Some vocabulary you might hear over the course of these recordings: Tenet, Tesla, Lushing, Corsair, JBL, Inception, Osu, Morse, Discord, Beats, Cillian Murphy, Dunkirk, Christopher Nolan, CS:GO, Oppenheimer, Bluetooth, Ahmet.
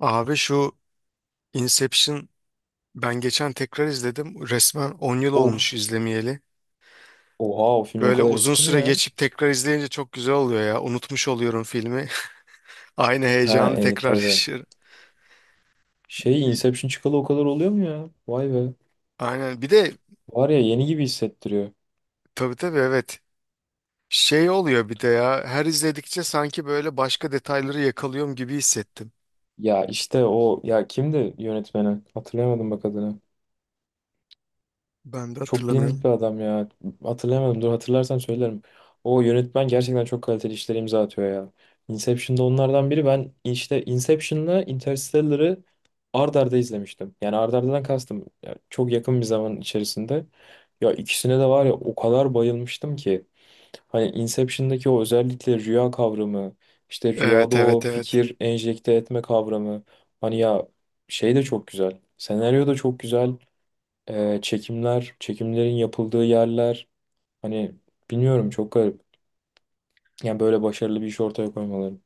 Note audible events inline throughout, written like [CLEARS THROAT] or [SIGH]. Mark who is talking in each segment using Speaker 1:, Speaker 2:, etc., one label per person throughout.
Speaker 1: Abi şu Inception ben geçen tekrar izledim. Resmen 10 yıl olmuş
Speaker 2: Of.
Speaker 1: izlemeyeli.
Speaker 2: Oha, o film o
Speaker 1: Böyle
Speaker 2: kadar
Speaker 1: uzun
Speaker 2: eski mi
Speaker 1: süre
Speaker 2: ya?
Speaker 1: geçip tekrar izleyince çok güzel oluyor ya. Unutmuş oluyorum filmi. [LAUGHS] Aynı
Speaker 2: Ha
Speaker 1: heyecanı tekrar
Speaker 2: tabii.
Speaker 1: yaşıyorum.
Speaker 2: Şey, Inception çıkalı o kadar oluyor mu ya? Vay be.
Speaker 1: Aynen. Bir de
Speaker 2: Var ya, yeni gibi hissettiriyor.
Speaker 1: tabii tabii evet. Şey oluyor bir de ya. Her izledikçe sanki böyle başka detayları yakalıyorum gibi hissettim.
Speaker 2: Ya işte o, ya kimdi yönetmeni? Hatırlayamadım bak adını.
Speaker 1: Ben de
Speaker 2: Çok bilindik
Speaker 1: hatırlamıyorum.
Speaker 2: bir adam ya. Hatırlayamadım. Dur, hatırlarsam söylerim. O yönetmen gerçekten çok kaliteli işler imza atıyor ya. Inception'da onlardan biri. Ben işte Inception'la Interstellar'ı ard arda izlemiştim. Yani ard ardadan kastım, ya çok yakın bir zaman içerisinde. Ya ikisine de var ya, o kadar bayılmıştım ki. Hani Inception'daki o özellikle rüya kavramı, işte rüyada
Speaker 1: Evet
Speaker 2: o
Speaker 1: evet evet.
Speaker 2: fikir enjekte etme kavramı. Hani ya şey de çok güzel. Senaryo da çok güzel, çekimler, çekimlerin yapıldığı yerler, hani bilmiyorum, çok garip. Yani böyle başarılı bir iş ortaya koymaları.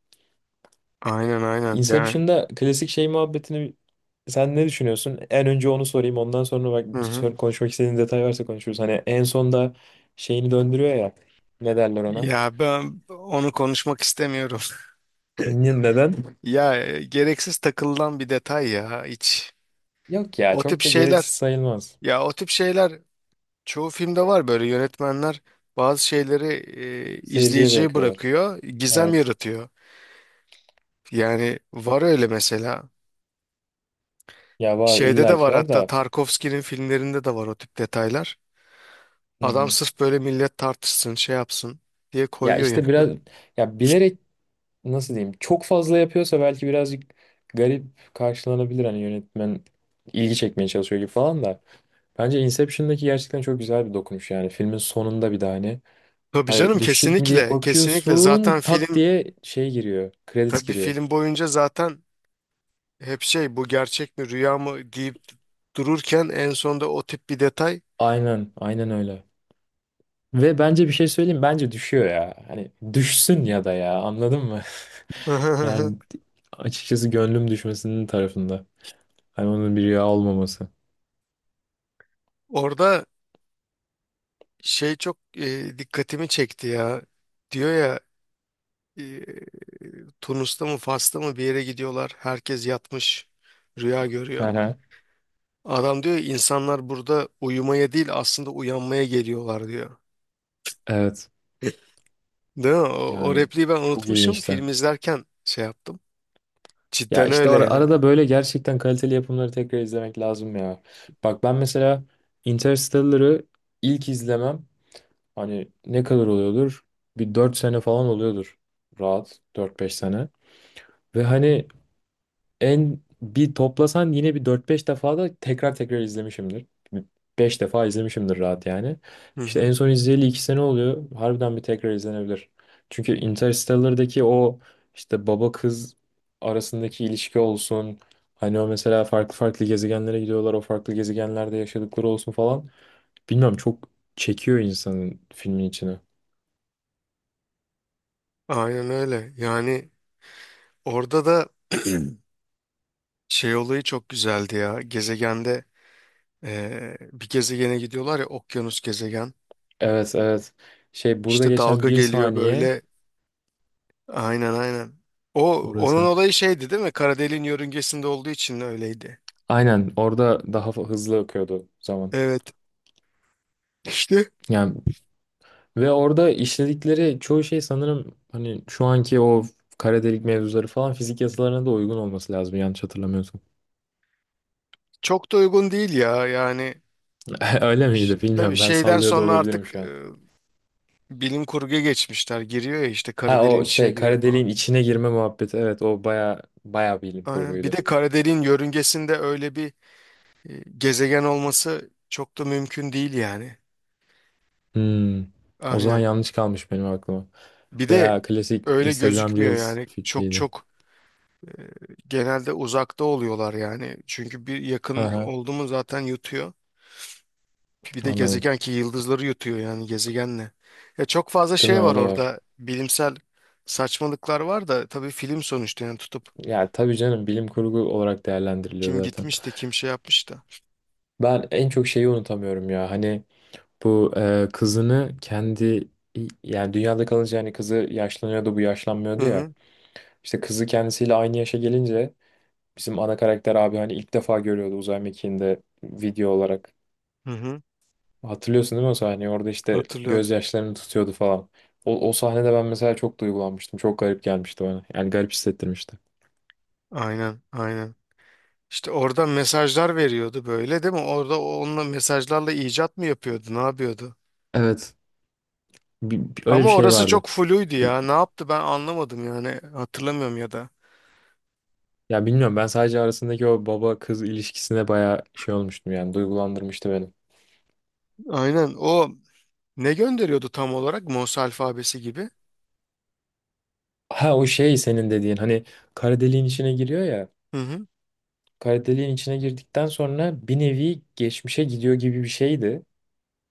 Speaker 1: Aynen aynen. Yani.
Speaker 2: Inception'da klasik şey muhabbetini, sen ne düşünüyorsun? En önce onu sorayım, ondan sonra bak
Speaker 1: Hı hı.
Speaker 2: konuşmak istediğin detay varsa konuşuruz. Hani en sonda şeyini döndürüyor ya, ne derler ona?
Speaker 1: Ya ben onu konuşmak istemiyorum.
Speaker 2: Neden?
Speaker 1: Ya gereksiz takılan bir detay ya hiç.
Speaker 2: Yok ya,
Speaker 1: O tip
Speaker 2: çok da gereksiz
Speaker 1: şeyler
Speaker 2: sayılmaz.
Speaker 1: ya o tip şeyler çoğu filmde var böyle yönetmenler bazı şeyleri
Speaker 2: Seyirciye
Speaker 1: izleyiciye
Speaker 2: bırakıyorlar.
Speaker 1: bırakıyor, gizem
Speaker 2: Evet.
Speaker 1: yaratıyor. Yani var öyle mesela.
Speaker 2: Ya var,
Speaker 1: Şeyde de
Speaker 2: illaki
Speaker 1: var
Speaker 2: var
Speaker 1: hatta
Speaker 2: da.
Speaker 1: Tarkovski'nin filmlerinde de var o tip detaylar.
Speaker 2: Hı
Speaker 1: Adam
Speaker 2: hı.
Speaker 1: sırf böyle millet tartışsın, şey yapsın diye
Speaker 2: Ya
Speaker 1: koyuyor
Speaker 2: işte
Speaker 1: yani.
Speaker 2: biraz, ya bilerek, nasıl diyeyim, çok fazla yapıyorsa belki birazcık garip karşılanabilir, hani yönetmen ilgi çekmeye çalışıyor gibi falan da. Bence Inception'daki gerçekten çok güzel bir dokunuş, yani filmin sonunda bir de hani,
Speaker 1: [LAUGHS] Tabii canım,
Speaker 2: hani düşecek mi diye
Speaker 1: kesinlikle, kesinlikle zaten
Speaker 2: bakıyorsun, tak
Speaker 1: film
Speaker 2: diye şey giriyor, credits
Speaker 1: tabii
Speaker 2: giriyor.
Speaker 1: film boyunca zaten hep şey bu gerçek mi rüya mı deyip dururken en sonunda o tip bir detay.
Speaker 2: Aynen, aynen öyle. Ve bence bir şey söyleyeyim, bence düşüyor ya. Hani düşsün ya da, ya anladın mı? [LAUGHS] Yani
Speaker 1: [LAUGHS]
Speaker 2: açıkçası gönlüm düşmesinin tarafında. Hani onun bir rüya olmaması.
Speaker 1: Orada şey çok dikkatimi çekti ya, diyor ya, e, Tunus'ta mı Fas'ta mı bir yere gidiyorlar, herkes yatmış, rüya
Speaker 2: Hı
Speaker 1: görüyor.
Speaker 2: hı.
Speaker 1: Adam diyor insanlar burada uyumaya değil aslında uyanmaya geliyorlar diyor.
Speaker 2: Evet.
Speaker 1: [LAUGHS] Değil mi? O, o
Speaker 2: Yani
Speaker 1: repliği ben
Speaker 2: çok
Speaker 1: unutmuşum,
Speaker 2: ilginçti.
Speaker 1: film izlerken şey yaptım.
Speaker 2: Ya
Speaker 1: Cidden
Speaker 2: işte
Speaker 1: öyle yani.
Speaker 2: arada böyle gerçekten kaliteli yapımları tekrar izlemek lazım ya. Bak ben mesela Interstellar'ı ilk izlemem, hani ne kadar oluyordur? Bir 4 sene falan oluyordur. Rahat dört beş sene. Ve hani en bir toplasan yine bir dört beş defa da tekrar tekrar izlemişimdir. 5 defa izlemişimdir rahat yani.
Speaker 1: Hı
Speaker 2: İşte
Speaker 1: hı.
Speaker 2: en son izleyeli 2 sene oluyor. Harbiden bir tekrar izlenebilir. Çünkü Interstellar'daki o işte baba kız arasındaki ilişki olsun. Hani o mesela farklı farklı gezegenlere gidiyorlar. O farklı gezegenlerde yaşadıkları olsun falan. Bilmiyorum, çok çekiyor insanın filmin içine.
Speaker 1: Aynen öyle. Yani orada da [CLEARS THROAT] şey olayı çok güzeldi ya. Gezegende bir gezegene gidiyorlar ya, okyanus gezegen.
Speaker 2: Evet, evet. Şey, burada
Speaker 1: İşte
Speaker 2: geçen
Speaker 1: dalga
Speaker 2: bir
Speaker 1: geliyor
Speaker 2: saniye
Speaker 1: böyle. Aynen aynen. O onun
Speaker 2: orası.
Speaker 1: olayı şeydi değil mi? Kara deliğin yörüngesinde olduğu için öyleydi.
Speaker 2: Aynen, orada daha hızlı akıyordu zaman.
Speaker 1: Evet. İşte
Speaker 2: Yani ve orada işledikleri çoğu şey sanırım hani şu anki o kara delik mevzuları falan fizik yasalarına da uygun olması lazım, yanlış hatırlamıyorsam.
Speaker 1: çok da uygun değil ya yani.
Speaker 2: [LAUGHS] Öyle miydi
Speaker 1: Tabii
Speaker 2: bilmiyorum, ben
Speaker 1: şeyden
Speaker 2: sallıyor da
Speaker 1: sonra
Speaker 2: olabilirim
Speaker 1: artık
Speaker 2: şu an.
Speaker 1: bilim kurguya geçmişler. Giriyor ya işte, kara
Speaker 2: Ha,
Speaker 1: deliğin
Speaker 2: o
Speaker 1: içine
Speaker 2: şey
Speaker 1: giriyor
Speaker 2: kara
Speaker 1: falan.
Speaker 2: deliğin içine girme muhabbeti, evet, o baya baya bilim
Speaker 1: Aynen. Bir
Speaker 2: kurguydu.
Speaker 1: de kara deliğin yörüngesinde öyle bir gezegen olması çok da mümkün değil yani.
Speaker 2: Hmm. O zaman
Speaker 1: Aynen.
Speaker 2: yanlış kalmış benim aklıma.
Speaker 1: Bir de
Speaker 2: Veya klasik
Speaker 1: öyle
Speaker 2: Instagram
Speaker 1: gözükmüyor
Speaker 2: Reels
Speaker 1: yani. Çok
Speaker 2: fikriydi.
Speaker 1: çok genelde uzakta oluyorlar yani. Çünkü bir yakın
Speaker 2: Aha,
Speaker 1: oldu mu zaten yutuyor. Bir de
Speaker 2: anladım.
Speaker 1: gezegen ki yıldızları yutuyor yani gezegenle. Ya çok fazla
Speaker 2: Değil mi?
Speaker 1: şey
Speaker 2: O
Speaker 1: var
Speaker 2: da var.
Speaker 1: orada. Bilimsel saçmalıklar var da, tabii film sonuçta yani, tutup
Speaker 2: Ya tabii canım, bilim kurgu olarak değerlendiriliyor
Speaker 1: kim
Speaker 2: zaten.
Speaker 1: gitmiş de kim şey yapmış da.
Speaker 2: Ben en çok şeyi unutamıyorum ya. Hani bu kızını kendi, yani dünyada kalınca hani kızı yaşlanıyordu, bu
Speaker 1: Hı
Speaker 2: yaşlanmıyordu ya.
Speaker 1: hı,
Speaker 2: İşte kızı kendisiyle aynı yaşa gelince bizim ana karakter abi hani ilk defa görüyordu uzay mekiğinde video olarak.
Speaker 1: hı hı,
Speaker 2: Hatırlıyorsun değil mi o sahneyi? Orada işte
Speaker 1: hatırlıyorum.
Speaker 2: gözyaşlarını tutuyordu falan. O, o sahnede ben mesela çok duygulanmıştım. Çok garip gelmişti bana. Yani garip hissettirmişti.
Speaker 1: Aynen aynen. İşte orada mesajlar veriyordu böyle değil mi? Orada onunla mesajlarla icat mı yapıyordu? Ne yapıyordu?
Speaker 2: Evet. Öyle
Speaker 1: Ama
Speaker 2: bir şey
Speaker 1: orası
Speaker 2: vardı.
Speaker 1: çok fluydu ya. Ne yaptı ben anlamadım yani. Hatırlamıyorum ya da.
Speaker 2: Ya bilmiyorum, ben sadece arasındaki o baba kız ilişkisine bayağı şey olmuştum, yani duygulandırmıştı beni.
Speaker 1: Aynen, o ne gönderiyordu tam olarak? Morse alfabesi gibi.
Speaker 2: Ha, o şey senin dediğin hani, kara deliğin içine giriyor ya.
Speaker 1: Hı hı,
Speaker 2: Kara deliğin içine girdikten sonra bir nevi geçmişe gidiyor gibi bir şeydi.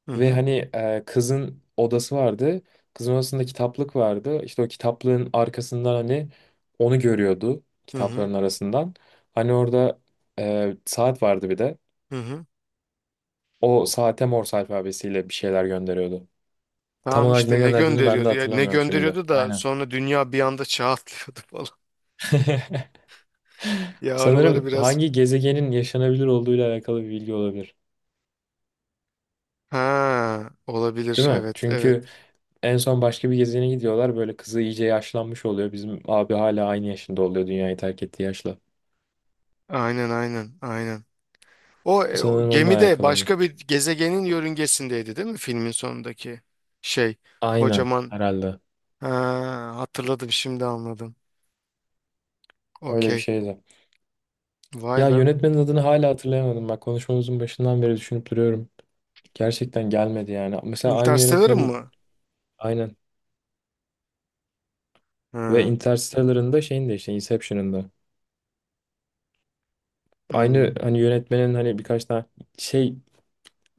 Speaker 1: hı
Speaker 2: Ve
Speaker 1: hı,
Speaker 2: hani kızın odası vardı. Kızın odasında kitaplık vardı. İşte o kitaplığın arkasından hani onu görüyordu
Speaker 1: hı hı,
Speaker 2: kitapların arasından. Hani orada saat vardı bir de.
Speaker 1: hı hı.
Speaker 2: O saate Morse alfabesiyle bir şeyler gönderiyordu. Tam
Speaker 1: Tamam
Speaker 2: olarak ne
Speaker 1: işte ne
Speaker 2: gönderdiğini ben de
Speaker 1: gönderiyordu ya, ne
Speaker 2: hatırlamıyorum şimdi.
Speaker 1: gönderiyordu da
Speaker 2: Aynen.
Speaker 1: sonra dünya bir anda çağ atlıyordu falan. [LAUGHS]
Speaker 2: [LAUGHS]
Speaker 1: Ya araları
Speaker 2: Sanırım
Speaker 1: biraz.
Speaker 2: hangi gezegenin yaşanabilir olduğuyla alakalı bir bilgi olabilir.
Speaker 1: Ha, olabilir.
Speaker 2: Değil mi?
Speaker 1: Evet, evet.
Speaker 2: Çünkü en son başka bir gezegene gidiyorlar. Böyle kızı iyice yaşlanmış oluyor. Bizim abi hala aynı yaşında oluyor dünyayı terk ettiği yaşla.
Speaker 1: Aynen, aynen, aynen. O, o
Speaker 2: Sanırım onunla
Speaker 1: gemide
Speaker 2: alakalıydı.
Speaker 1: başka bir gezegenin yörüngesindeydi, değil mi? Filmin sonundaki şey,
Speaker 2: Aynen
Speaker 1: kocaman.
Speaker 2: herhalde.
Speaker 1: Ha, hatırladım, şimdi anladım.
Speaker 2: Öyle bir
Speaker 1: Okey.
Speaker 2: şeydi.
Speaker 1: Vay
Speaker 2: Ya
Speaker 1: be.
Speaker 2: yönetmenin adını hala hatırlayamadım. Bak konuşmamızın başından beri düşünüp duruyorum. Gerçekten gelmedi yani. Mesela aynı
Speaker 1: Interstellar'ın
Speaker 2: yönetmenin
Speaker 1: mı?
Speaker 2: aynen. Ve
Speaker 1: Ha.
Speaker 2: Interstellar'ın da şeyin de işte Inception'ın da. Aynı
Speaker 1: Hmm.
Speaker 2: hani yönetmenin hani birkaç tane şey,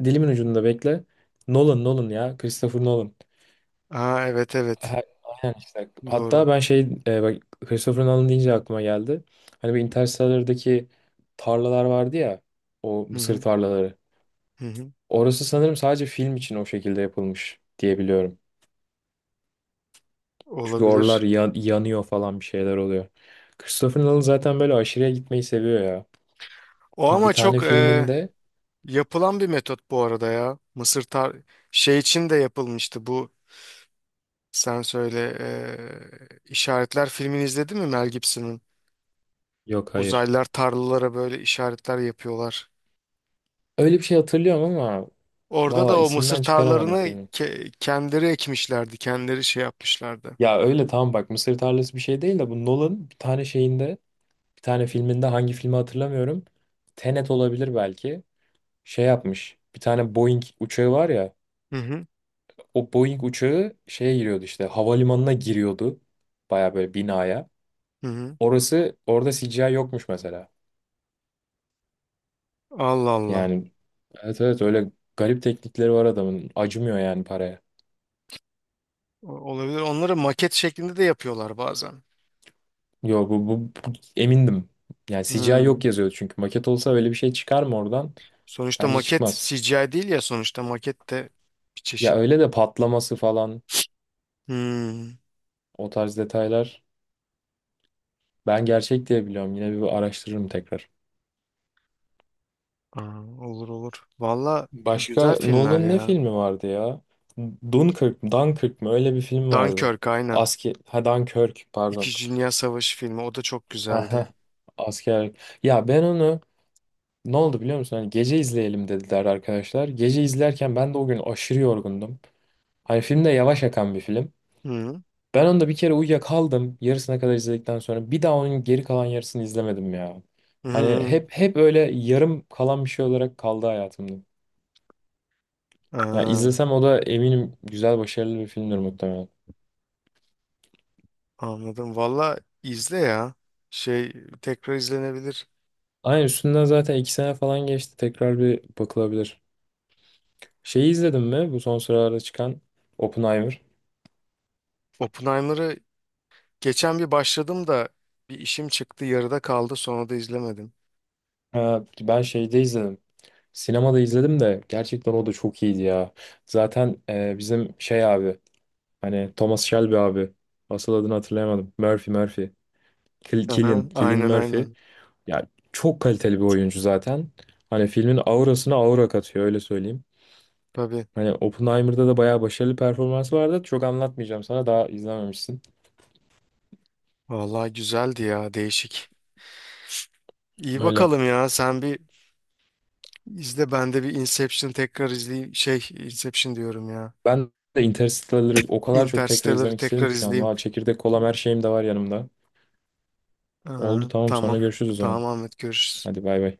Speaker 2: dilimin ucunda bekle. Nolan, Nolan ya. Christopher Nolan.
Speaker 1: Ha, evet, evet.
Speaker 2: Ha- Aynen işte. Hatta
Speaker 1: Doğru.
Speaker 2: ben şey, bak Christopher Nolan deyince aklıma geldi. Hani bir Interstellar'daki tarlalar vardı ya. O
Speaker 1: Hı
Speaker 2: mısır
Speaker 1: hı,
Speaker 2: tarlaları.
Speaker 1: hı hı.
Speaker 2: Orası sanırım sadece film için o şekilde yapılmış diye biliyorum. Çünkü oralar
Speaker 1: Olabilir.
Speaker 2: yanıyor falan, bir şeyler oluyor. Christopher Nolan zaten böyle aşırıya gitmeyi seviyor ya.
Speaker 1: O
Speaker 2: Bir
Speaker 1: ama
Speaker 2: tane
Speaker 1: çok
Speaker 2: filminde
Speaker 1: yapılan bir metot bu arada ya. Mısır tar şey için de yapılmıştı bu. Sen söyle, işaretler filmini izledin mi, Mel Gibson'ın?
Speaker 2: yok, hayır.
Speaker 1: Uzaylılar tarlalara böyle işaretler yapıyorlar.
Speaker 2: Öyle bir şey hatırlıyorum ama
Speaker 1: Orada da
Speaker 2: valla
Speaker 1: o mısır
Speaker 2: isimden çıkaramadım
Speaker 1: tarlalarını
Speaker 2: filmin.
Speaker 1: kendileri ekmişlerdi. Kendileri şey yapmışlardı.
Speaker 2: Ya öyle tamam bak, Mısır tarlası bir şey değil de, bu Nolan bir tane şeyinde, bir tane filminde, hangi filmi hatırlamıyorum. Tenet olabilir belki. Şey yapmış. Bir tane Boeing uçağı var ya.
Speaker 1: Hı hı.
Speaker 2: O Boeing uçağı şeye giriyordu, işte havalimanına giriyordu. Baya böyle binaya.
Speaker 1: Hı hı.
Speaker 2: Orası, orada CGI yokmuş mesela.
Speaker 1: Allah Allah.
Speaker 2: Yani evet, evet, öyle garip teknikleri var adamın. Acımıyor yani paraya.
Speaker 1: Olabilir. Onları maket şeklinde de yapıyorlar bazen.
Speaker 2: Yo, emindim. Yani CGI
Speaker 1: Hmm.
Speaker 2: yok yazıyordu çünkü. Maket olsa öyle bir şey çıkar mı oradan?
Speaker 1: Sonuçta
Speaker 2: Bence
Speaker 1: maket
Speaker 2: çıkmaz.
Speaker 1: CGI değil ya, sonuçta maket de bir
Speaker 2: Ya
Speaker 1: çeşit.
Speaker 2: öyle de patlaması falan
Speaker 1: Hmm.
Speaker 2: o tarz detaylar, ben gerçek diye biliyorum. Yine bir araştırırım tekrar.
Speaker 1: Aa, olur olur. Valla
Speaker 2: Başka
Speaker 1: güzel filmler
Speaker 2: Nolan'ın ne
Speaker 1: ya.
Speaker 2: filmi vardı ya? Dunkirk mi, Dunkirk mı? Öyle bir film vardı.
Speaker 1: Dunkirk aynen.
Speaker 2: Asker, ha Dunkirk pardon.
Speaker 1: İkinci Dünya Savaşı filmi. O da çok
Speaker 2: [LAUGHS]
Speaker 1: güzeldi.
Speaker 2: Aha, askerlik. Ya ben onu, ne oldu biliyor musun? Hani gece izleyelim dediler arkadaşlar. Gece izlerken ben de o gün aşırı yorgundum. Hani film de yavaş akan bir film.
Speaker 1: Hı.
Speaker 2: Ben onda bir kere uyuyakaldım. Yarısına kadar izledikten sonra bir daha onun geri kalan yarısını izlemedim ya.
Speaker 1: Hı.
Speaker 2: Hani
Speaker 1: Hı.
Speaker 2: hep hep öyle yarım kalan bir şey olarak kaldı hayatımda. Ya
Speaker 1: Aa,
Speaker 2: izlesem o da eminim güzel, başarılı bir filmdir muhtemelen.
Speaker 1: anladım. Valla izle ya. Şey tekrar izlenebilir.
Speaker 2: Aynen, üstünden zaten iki sene falan geçti. Tekrar bir bakılabilir. Şeyi izledin mi? Bu son sıralarda çıkan Oppenheimer.
Speaker 1: Oppenheimer'ı geçen bir başladım da bir işim çıktı, yarıda kaldı, sonra da izlemedim.
Speaker 2: Ha, ben şeyde izledim. Sinemada izledim de gerçekten o da çok iyiydi ya. Zaten bizim şey abi, hani Thomas Shelby abi. Asıl adını hatırlayamadım. Murphy, Murphy.
Speaker 1: Aha,
Speaker 2: Cillian, Cillian
Speaker 1: aynen
Speaker 2: Murphy.
Speaker 1: aynen.
Speaker 2: Ya çok kaliteli bir oyuncu zaten. Hani filmin aurasına aura katıyor, öyle söyleyeyim.
Speaker 1: Tabii.
Speaker 2: Hani Oppenheimer'da da bayağı başarılı performansı vardı. Çok anlatmayacağım sana, daha izlememişsin.
Speaker 1: Valla güzeldi ya, değişik. İyi
Speaker 2: Öyle.
Speaker 1: bakalım ya, sen bir izle, ben de bir Inception tekrar izleyeyim. Şey Inception diyorum ya.
Speaker 2: Ben de Interstellar'ı o kadar çok tekrar
Speaker 1: Interstellar'ı
Speaker 2: izlemek istedim
Speaker 1: tekrar
Speaker 2: şu an.
Speaker 1: izleyeyim.
Speaker 2: Valla çekirdek, kolam, her şeyim de var yanımda.
Speaker 1: Aa,
Speaker 2: Oldu, tamam,
Speaker 1: tamam.
Speaker 2: sonra görüşürüz o
Speaker 1: Tamam
Speaker 2: zaman.
Speaker 1: Ahmet, görüşürüz.
Speaker 2: Hadi bay bay.